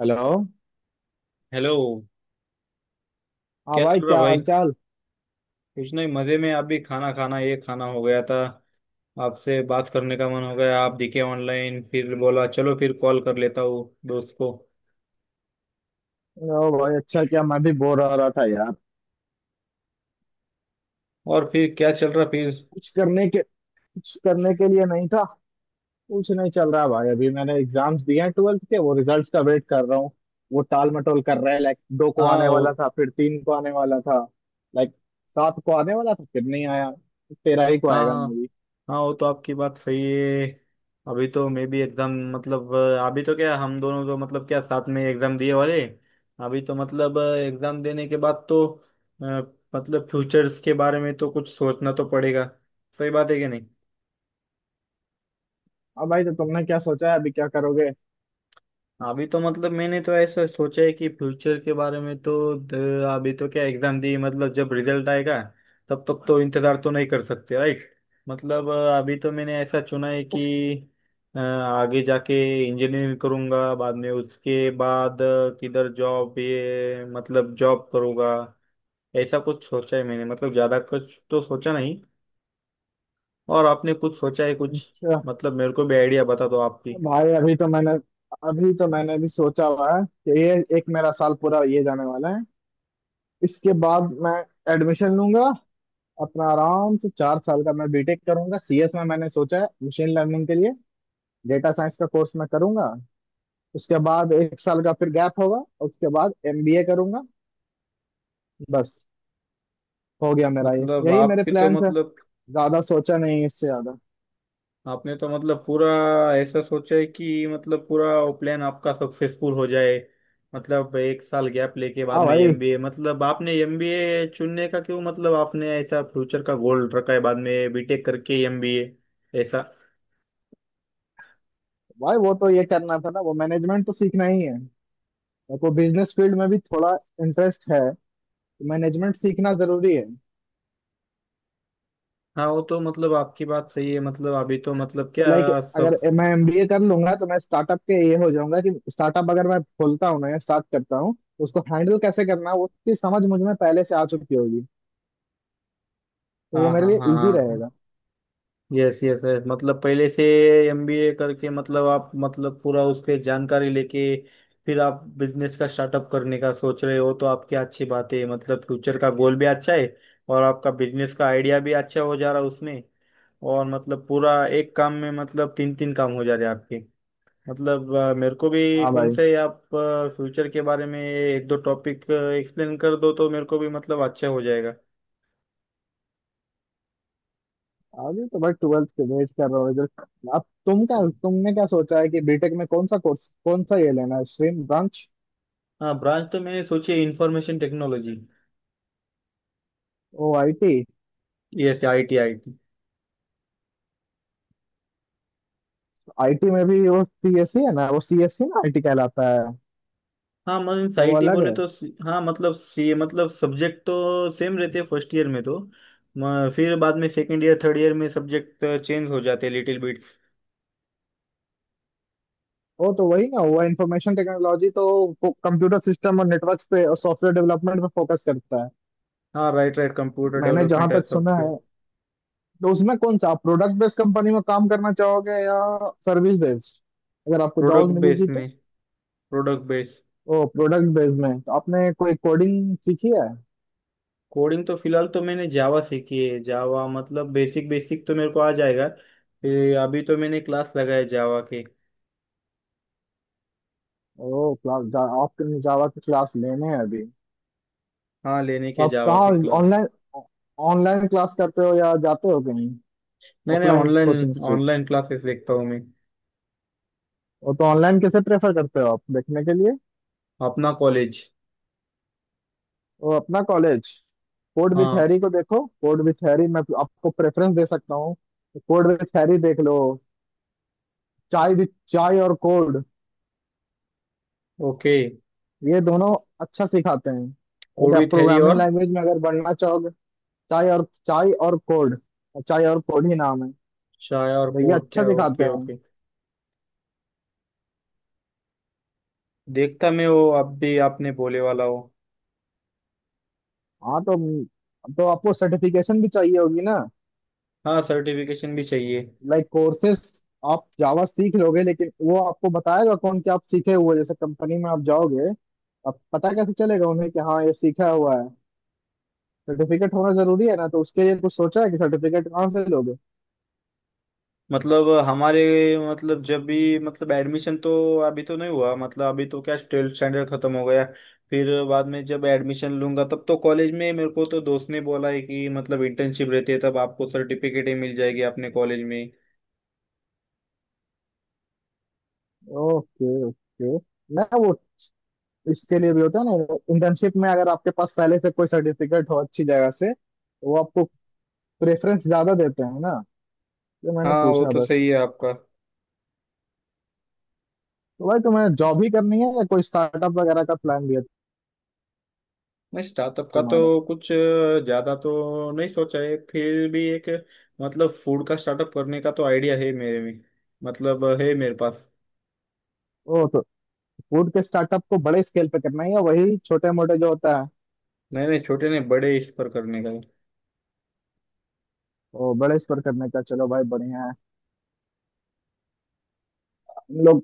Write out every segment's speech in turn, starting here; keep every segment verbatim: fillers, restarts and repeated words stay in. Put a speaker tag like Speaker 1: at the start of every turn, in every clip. Speaker 1: Hello.
Speaker 2: Hello.
Speaker 1: हाँ
Speaker 2: क्या
Speaker 1: भाई,
Speaker 2: चल रहा
Speaker 1: क्या
Speaker 2: भाई।
Speaker 1: हाल चाल।
Speaker 2: कुछ नहीं, मजे में। आप भी खाना खाना, ये खाना हो गया था। आपसे बात करने का मन हो गया, आप दिखे ऑनलाइन, फिर बोला चलो फिर कॉल कर लेता हूँ दोस्त को।
Speaker 1: ओ भाई अच्छा, क्या मैं भी बोर हो रहा था यार।
Speaker 2: और फिर क्या चल रहा फिर।
Speaker 1: कुछ करने के कुछ करने के लिए नहीं था। कुछ नहीं चल रहा भाई, अभी मैंने एग्जाम्स दिए हैं ट्वेल्थ के, वो रिजल्ट्स का वेट कर रहा हूँ। वो टाल मटोल कर रहा है, लाइक दो को
Speaker 2: हाँ
Speaker 1: आने
Speaker 2: वो।
Speaker 1: वाला था, फिर तीन को आने वाला था। लाइक सात को आने वाला था, फिर नहीं आया। तेरह ही को
Speaker 2: हाँ
Speaker 1: आएगा, मे
Speaker 2: हाँ।
Speaker 1: भी।
Speaker 2: हाँ, वो तो आपकी बात सही है। अभी तो मैं भी एग्जाम, मतलब अभी तो क्या, हम दोनों तो मतलब क्या साथ में एग्जाम दिए वाले। अभी तो मतलब एग्जाम देने के बाद तो अ, मतलब फ्यूचर्स के बारे में तो कुछ सोचना तो पड़ेगा। सही बात है कि नहीं।
Speaker 1: अब भाई तो, तुमने क्या सोचा है अभी क्या करोगे।
Speaker 2: अभी तो मतलब मैंने तो ऐसा सोचा है कि फ्यूचर के बारे में तो द- अभी तो क्या एग्जाम दी, मतलब जब रिजल्ट आएगा, तब तक तो इंतजार तो नहीं कर सकते, राइट। मतलब अ, अभी तो मैंने ऐसा चुना है कि अ, आगे जाके इंजीनियरिंग करूंगा, बाद में उसके बाद अ, किधर जॉब, ये मतलब जॉब करूंगा। ऐसा कुछ सोचा है मैंने, मतलब ज्यादा कुछ तो सोचा नहीं। और आपने कुछ सोचा है कुछ।
Speaker 1: अच्छा।
Speaker 2: मतलब मेरे को भी आइडिया बता दो आपकी।
Speaker 1: भाई अभी तो मैंने अभी तो मैंने भी सोचा हुआ है कि ये एक मेरा साल पूरा ये जाने वाला है। इसके बाद मैं एडमिशन लूंगा अपना आराम से। चार साल का मैं बीटेक करूंगा सी एस में, मैंने सोचा है मशीन लर्निंग के लिए डेटा साइंस का कोर्स मैं करूंगा। उसके बाद एक साल का फिर गैप होगा, और उसके बाद एम बी ए करूंगा। बस, हो गया मेरा ये,
Speaker 2: मतलब
Speaker 1: यही मेरे
Speaker 2: आपकी तो
Speaker 1: प्लान्स है।
Speaker 2: मतलब,
Speaker 1: ज्यादा सोचा नहीं है इससे ज्यादा।
Speaker 2: आपने तो मतलब पूरा ऐसा सोचा है कि मतलब पूरा वो प्लान आपका सक्सेसफुल हो जाए। मतलब एक साल गैप लेके बाद
Speaker 1: हाँ
Speaker 2: में
Speaker 1: भाई।
Speaker 2: एमबीए, मतलब आपने एमबीए चुनने का क्यों, मतलब आपने ऐसा फ्यूचर का गोल रखा है, बाद में बीटेक करके एमबीए, ऐसा।
Speaker 1: भाई वो तो ये करना था ना, वो मैनेजमेंट तो सीखना ही है। मेरे को बिजनेस फील्ड में भी थोड़ा इंटरेस्ट है, मैनेजमेंट सीखना जरूरी है।
Speaker 2: हाँ, वो तो मतलब आपकी बात सही है, मतलब अभी तो मतलब
Speaker 1: तो लाइक,
Speaker 2: क्या सब।
Speaker 1: अगर मैं एमबीए कर लूंगा तो मैं स्टार्टअप के ये हो जाऊंगा कि स्टार्टअप अगर मैं खोलता हूँ ना, या स्टार्ट करता हूँ तो उसको हैंडल कैसे करना है उसकी समझ मुझ में पहले से आ चुकी होगी। तो
Speaker 2: हाँ
Speaker 1: वो मेरे
Speaker 2: हाँ
Speaker 1: लिए
Speaker 2: हाँ
Speaker 1: इजी
Speaker 2: हाँ।
Speaker 1: रहेगा।
Speaker 2: यस यस यस, मतलब पहले से एमबीए करके मतलब आप मतलब पूरा उसके जानकारी लेके फिर आप बिजनेस का स्टार्टअप करने का सोच रहे हो, तो आपकी अच्छी बात है, मतलब फ्यूचर का गोल भी अच्छा है। और आपका बिजनेस का आइडिया भी अच्छा हो जा रहा है उसमें। और मतलब पूरा एक काम में मतलब तीन तीन काम हो जा रहे हैं आपके। मतलब अ, मेरे को भी
Speaker 1: हाँ
Speaker 2: कौन
Speaker 1: भाई।
Speaker 2: से आप फ्यूचर के बारे में एक दो टॉपिक एक्सप्लेन कर दो तो मेरे को भी मतलब अच्छा हो जाएगा।
Speaker 1: अभी तो भाई ट्वेल्थ के वेट कर रहा हूँ रिजल्ट। अब तुम क्या तुमने क्या सोचा है कि बीटेक में कौन सा कोर्स, कौन सा ये लेना है, स्ट्रीम ब्रांच।
Speaker 2: हाँ, ब्रांच तो मैंने सोची है इंफॉर्मेशन टेक्नोलॉजी।
Speaker 1: ओ, I T.
Speaker 2: Yes, I T I T.
Speaker 1: I T में भी वो सी एस सी है ना, वो सीएससी ना आई टी कहलाता है।
Speaker 2: हाँ, मतलब मीन्स
Speaker 1: तो
Speaker 2: आई
Speaker 1: वो
Speaker 2: टी
Speaker 1: अलग
Speaker 2: बोले
Speaker 1: है।
Speaker 2: तो सी- हाँ मतलब सी, मतलब सब्जेक्ट तो सेम रहते हैं फर्स्ट ईयर में तो। म- फिर बाद में सेकंड ईयर थर्ड ईयर में सब्जेक्ट चेंज हो जाते हैं लिटिल बिट्स।
Speaker 1: वो तो वही ना हुआ इंफॉर्मेशन टेक्नोलॉजी तो। कंप्यूटर सिस्टम और नेटवर्क पे और सॉफ्टवेयर डेवलपमेंट पे फोकस करता है,
Speaker 2: हाँ, राइट राइट, कंप्यूटर
Speaker 1: मैंने
Speaker 2: डेवलपमेंट
Speaker 1: जहां
Speaker 2: एंड
Speaker 1: तक सुना
Speaker 2: सॉफ्टवेयर।
Speaker 1: है। तो उसमें कौन सा आप प्रोडक्ट बेस्ड कंपनी में काम करना चाहोगे या सर्विस बेस्ड, अगर आपको जॉब
Speaker 2: प्रोडक्ट बेस
Speaker 1: मिलेगी
Speaker 2: में।
Speaker 1: तो।
Speaker 2: Product base.
Speaker 1: ओ, प्रोडक्ट बेस्ड में तो आपने कोई कोडिंग सीखी है।
Speaker 2: कोडिंग तो फिलहाल तो मैंने जावा सीखी है, जावा मतलब बेसिक बेसिक तो मेरे को आ जाएगा। फिर अभी तो मैंने क्लास लगाए जावा के।
Speaker 1: ओ, क्लास। आपके जावा की क्लास लेने हैं अभी।
Speaker 2: हाँ, लेने
Speaker 1: तो
Speaker 2: के
Speaker 1: आप
Speaker 2: जावा
Speaker 1: कहाँ,
Speaker 2: के क्लास।
Speaker 1: ऑनलाइन, ऑनलाइन क्लास करते हो या जाते हो कहीं
Speaker 2: नहीं नहीं,
Speaker 1: offline coaching
Speaker 2: online
Speaker 1: institute.
Speaker 2: Online classes देखता हूँ मैं।
Speaker 1: वो तो, ऑनलाइन कैसे प्रेफर करते हो आप देखने के लिए।
Speaker 2: अपना कॉलेज।
Speaker 1: वो अपना कॉलेज। कोड विथ
Speaker 2: हाँ,
Speaker 1: हैरी को देखो, कोड विथ हैरी मैं आपको प्रेफरेंस दे सकता हूँ। कोड विथ हैरी देख लो। चाय विथ, चाय और कोड।
Speaker 2: ओके।
Speaker 1: ये दोनों अच्छा सिखाते हैं, लेकिन
Speaker 2: कोड
Speaker 1: आप
Speaker 2: विथ हैरी
Speaker 1: प्रोग्रामिंग
Speaker 2: और
Speaker 1: लैंग्वेज में अगर बढ़ना चाहोगे। चाय और चाय और कोड, चाय और कोड ही नाम है।
Speaker 2: चाय और
Speaker 1: भैया
Speaker 2: कोड,
Speaker 1: अच्छा
Speaker 2: क्या,
Speaker 1: सिखाते
Speaker 2: ओके
Speaker 1: हैं।
Speaker 2: ओके। देखता मैं वो, अब भी आपने बोले वाला हो।
Speaker 1: हाँ तो, तो आपको सर्टिफिकेशन भी चाहिए होगी ना,
Speaker 2: हाँ, सर्टिफिकेशन भी चाहिए।
Speaker 1: Like courses. आप जावा सीख लोगे, लेकिन वो आपको बताएगा कौन कि आप सीखे हुए, जैसे कंपनी में आप जाओगे अब पता कैसे चलेगा उन्हें कि हाँ ये सीखा हुआ है। सर्टिफिकेट होना जरूरी है ना, तो उसके लिए कुछ सोचा है कि सर्टिफिकेट कहाँ से लोगे।
Speaker 2: मतलब हमारे, मतलब जब भी मतलब एडमिशन तो अभी तो नहीं हुआ, मतलब अभी तो क्या ट्वेल्थ स्टैंडर्ड खत्म हो गया। फिर बाद में जब एडमिशन लूंगा, तब तो कॉलेज में मेरे को तो दोस्त ने बोला है कि मतलब इंटर्नशिप रहती है, तब आपको सर्टिफिकेट ही मिल जाएगी अपने कॉलेज में।
Speaker 1: Okay okay. ना, वो इसके लिए भी होता है ना, इंटर्नशिप में अगर आपके पास पहले से कोई सर्टिफिकेट हो अच्छी जगह से तो वो आपको प्रेफरेंस ज्यादा देते हैं ना। तो मैंने
Speaker 2: हाँ, वो
Speaker 1: पूछा
Speaker 2: तो
Speaker 1: बस।
Speaker 2: सही है आपका।
Speaker 1: तो भाई, तुम्हें जॉब ही करनी है या कोई स्टार्टअप वगैरह का प्लान भी है
Speaker 2: नहीं, स्टार्टअप का
Speaker 1: तुम्हारा।
Speaker 2: तो कुछ ज्यादा तो नहीं सोचा है, फिर भी एक, मतलब फूड का स्टार्टअप करने का तो आइडिया है मेरे में, मतलब है मेरे पास।
Speaker 1: ओ तो, फूड के स्टार्टअप को बड़े स्केल पे करना है या वही छोटे मोटे जो होता है।
Speaker 2: नहीं नहीं, छोटे नहीं, बड़े इस पर करने का है।
Speaker 1: वो बड़े स्तर करने का, चलो भाई बढ़िया है। हम लोग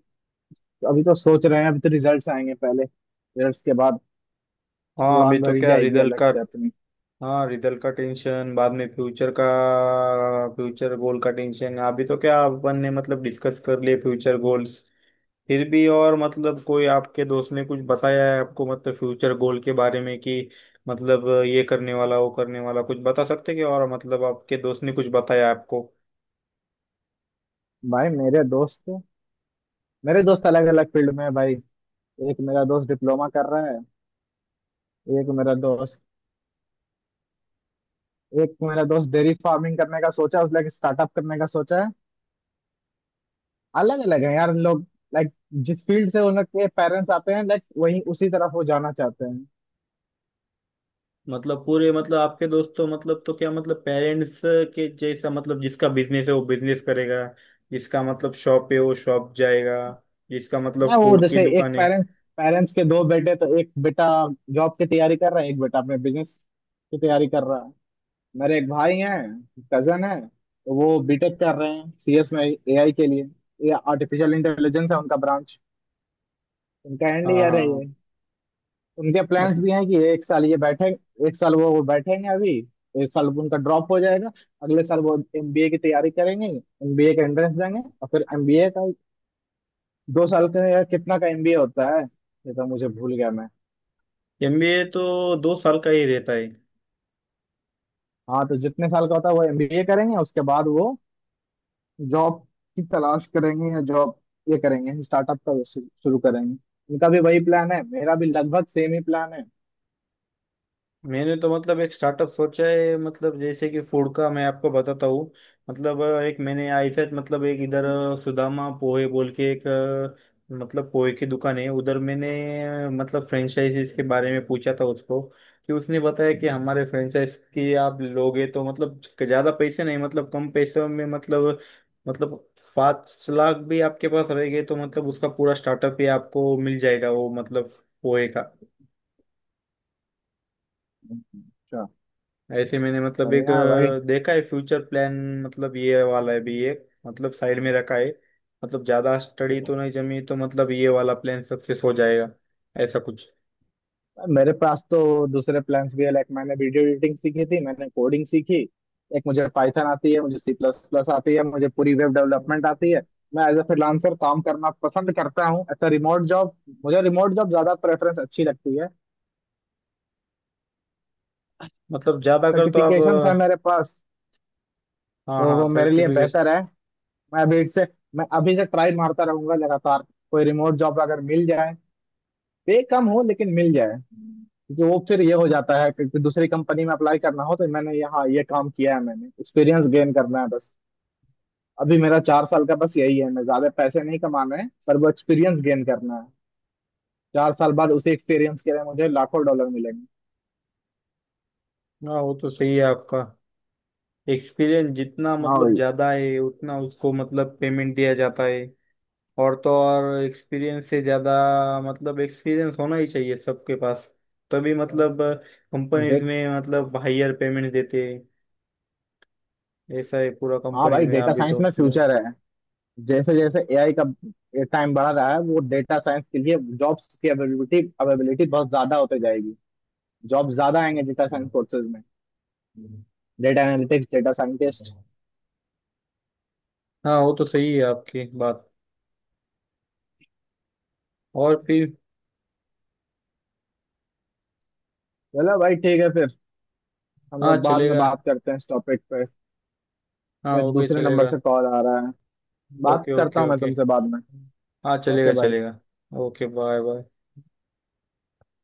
Speaker 1: अभी तो सोच रहे हैं, अभी तो रिजल्ट्स आएंगे पहले, रिजल्ट्स के बाद
Speaker 2: हाँ, अभी
Speaker 1: उड़ान
Speaker 2: तो
Speaker 1: भरी
Speaker 2: क्या
Speaker 1: जाएगी
Speaker 2: रिजल्ट
Speaker 1: अलग
Speaker 2: का।
Speaker 1: से अपनी।
Speaker 2: हाँ, रिजल्ट का टेंशन बाद में, फ्यूचर का, फ्यूचर गोल का टेंशन अभी तो क्या, अपन ने मतलब डिस्कस कर लिए फ्यूचर गोल्स। फिर भी, और मतलब कोई आपके दोस्त ने कुछ बताया है आपको मतलब फ्यूचर गोल के बारे में कि मतलब ये करने वाला, वो करने वाला, कुछ बता सकते हैं क्या, और मतलब आपके दोस्त ने कुछ बताया आपको।
Speaker 1: भाई मेरे दोस्त मेरे दोस्त अलग अलग फील्ड में है भाई। एक मेरा दोस्त डिप्लोमा कर रहा है। एक मेरा दोस्त एक मेरा दोस्त डेयरी फार्मिंग करने का सोचा है, उसने एक स्टार्टअप करने का सोचा है। अलग अलग है यार लोग, लाइक जिस फील्ड से उनके पेरेंट्स आते हैं, लाइक वही उसी तरफ वो जाना चाहते हैं।
Speaker 2: मतलब पूरे, मतलब आपके दोस्त तो मतलब, तो क्या मतलब पेरेंट्स के जैसा, मतलब जिसका बिजनेस है वो बिजनेस करेगा। जिसका मतलब शॉप है वो शॉप जाएगा। जिसका मतलब
Speaker 1: ना, वो
Speaker 2: फूड की
Speaker 1: जैसे एक
Speaker 2: दुकान है।
Speaker 1: पेरेंट्स पेरेंट्स के दो बेटे, तो एक बेटा जॉब की तैयारी कर रहा है, एक बेटा अपने बिजनेस की तैयारी कर रहा है। मेरे एक भाई हैं, कजन है, तो वो बीटेक कर रहे हैं सी एस में ए आई के लिए। ये आर्टिफिशियल इंटेलिजेंस है उनका ब्रांच। उनका एंड
Speaker 2: हाँ हाँ
Speaker 1: ईयर है ये।
Speaker 2: हाँ।
Speaker 1: उनके प्लान्स
Speaker 2: मतलब
Speaker 1: भी हैं कि एक साल ये बैठे, एक साल वो वो बैठेंगे अभी, एक साल उनका ड्रॉप हो जाएगा, अगले साल वो एम बी ए की तैयारी करेंगे। एमबीए का एंट्रेंस देंगे और फिर एम बी ए का दो साल का या कितना का एम बी ए होता है ये तो मुझे भूल गया मैं।
Speaker 2: एमबीए तो दो साल का ही रहता है।
Speaker 1: हाँ तो, जितने साल का होता है वो एम बी ए करेंगे, उसके बाद वो जॉब की तलाश करेंगे, या जॉब ये करेंगे, स्टार्टअप का शु- शुरू करेंगे। इनका भी वही प्लान है, मेरा भी लगभग सेम ही प्लान है।
Speaker 2: मैंने तो मतलब एक स्टार्टअप सोचा है, मतलब जैसे कि फूड का, मैं आपको बताता हूँ। मतलब अ, एक मैंने ऐसा, मतलब एक इधर अ, सुदामा पोहे बोल के एक, अ, मतलब पोहे की दुकान है उधर, मैंने अ, मतलब फ्रेंचाइजीज के बारे में पूछा था उसको। कि उसने बताया कि हमारे फ्रेंचाइज की आप लोगे तो मतलब ज़्यादा पैसे नहीं, मतलब कम पैसों में, मतलब मतलब पाँच लाख भी आपके पास रहेंगे तो मतलब उसका पूरा स्टार्टअप ही आपको मिल जाएगा, वो मतलब पोहे का।
Speaker 1: अच्छा।
Speaker 2: ऐसे मैंने मतलब एक
Speaker 1: बढ़िया है भाई।
Speaker 2: अ, देखा है फ्यूचर प्लान। मतलब ये वाला है भी एक, मतलब साइड में रखा है। मतलब ज्यादा स्टडी तो नहीं जमी तो मतलब ये वाला प्लान सक्सेस हो जाएगा, ऐसा कुछ।
Speaker 1: मेरे पास तो दूसरे प्लान्स भी है। लाइक मैंने वीडियो एडिटिंग सीखी थी, मैंने कोडिंग सीखी। एक, मुझे पाइथन आती है, मुझे सी प्लस प्लस आती है, मुझे पूरी वेब डेवलपमेंट आती है। मैं एज ए फ्रीलांसर काम करना पसंद करता हूँ, एज रिमोट जॉब। मुझे रिमोट जॉब ज्यादा प्रेफरेंस अच्छी लगती है।
Speaker 2: मतलब ज्यादा कर तो आप
Speaker 1: सर्टिफिकेशंस है
Speaker 2: अ,
Speaker 1: मेरे पास,
Speaker 2: हाँ
Speaker 1: तो
Speaker 2: हाँ,
Speaker 1: वो मेरे लिए
Speaker 2: सर्टिफिकेट।
Speaker 1: बेहतर। मैं अभी से मैं अभी से ट्राई मारता रहूंगा लगातार। कोई रिमोट जॉब अगर मिल जाए, पे कम हो लेकिन मिल जाए। क्योंकि वो फिर ये हो जाता है कि कि दूसरी कंपनी में अप्लाई करना हो तो मैंने यहाँ ये काम किया है, मैंने एक्सपीरियंस गेन करना है बस। अभी मेरा चार साल का बस यही है, मैं ज्यादा पैसे नहीं कमाना है पर वो एक्सपीरियंस गेन करना है। चार साल बाद उसी एक्सपीरियंस के लिए मुझे लाखों डॉलर मिलेंगे।
Speaker 2: हाँ, वो तो सही है आपका, एक्सपीरियंस जितना
Speaker 1: हाँ
Speaker 2: मतलब
Speaker 1: भाई।
Speaker 2: ज्यादा है उतना उसको मतलब पेमेंट दिया जाता है। और तो और एक्सपीरियंस से ज़्यादा, मतलब एक्सपीरियंस होना ही चाहिए सबके पास, तभी मतलब कंपनीज
Speaker 1: डेट
Speaker 2: में मतलब हायर पेमेंट देते हैं। ऐसा है पूरा
Speaker 1: हाँ
Speaker 2: कंपनीज
Speaker 1: भाई,
Speaker 2: में
Speaker 1: डेटा
Speaker 2: अभी तो
Speaker 1: साइंस में
Speaker 2: फिलहाल।
Speaker 1: फ्यूचर है। जैसे जैसे ए आई का टाइम बढ़ रहा है, वो डेटा साइंस के लिए जॉब्स की अवेलेबिलिटी अवेलेबिलिटी बहुत ज्यादा होते जाएगी। जॉब ज्यादा आएंगे डेटा साइंस कोर्सेज में, डेटा एनालिटिक्स, डेटा साइंटिस्ट।
Speaker 2: हाँ, वो तो सही है आपकी बात। और फिर।
Speaker 1: चलो भाई ठीक है फिर, हम
Speaker 2: हाँ,
Speaker 1: लोग बाद में
Speaker 2: चलेगा।
Speaker 1: बात करते हैं इस टॉपिक पे।
Speaker 2: हाँ,
Speaker 1: मैं,
Speaker 2: ओके,
Speaker 1: दूसरे नंबर
Speaker 2: चलेगा।
Speaker 1: से कॉल आ रहा है, बात
Speaker 2: ओके
Speaker 1: करता
Speaker 2: ओके
Speaker 1: हूँ मैं
Speaker 2: ओके।
Speaker 1: तुमसे बाद में।
Speaker 2: हाँ,
Speaker 1: ओके
Speaker 2: चलेगा
Speaker 1: भाई।
Speaker 2: चलेगा। Okay, bye bye.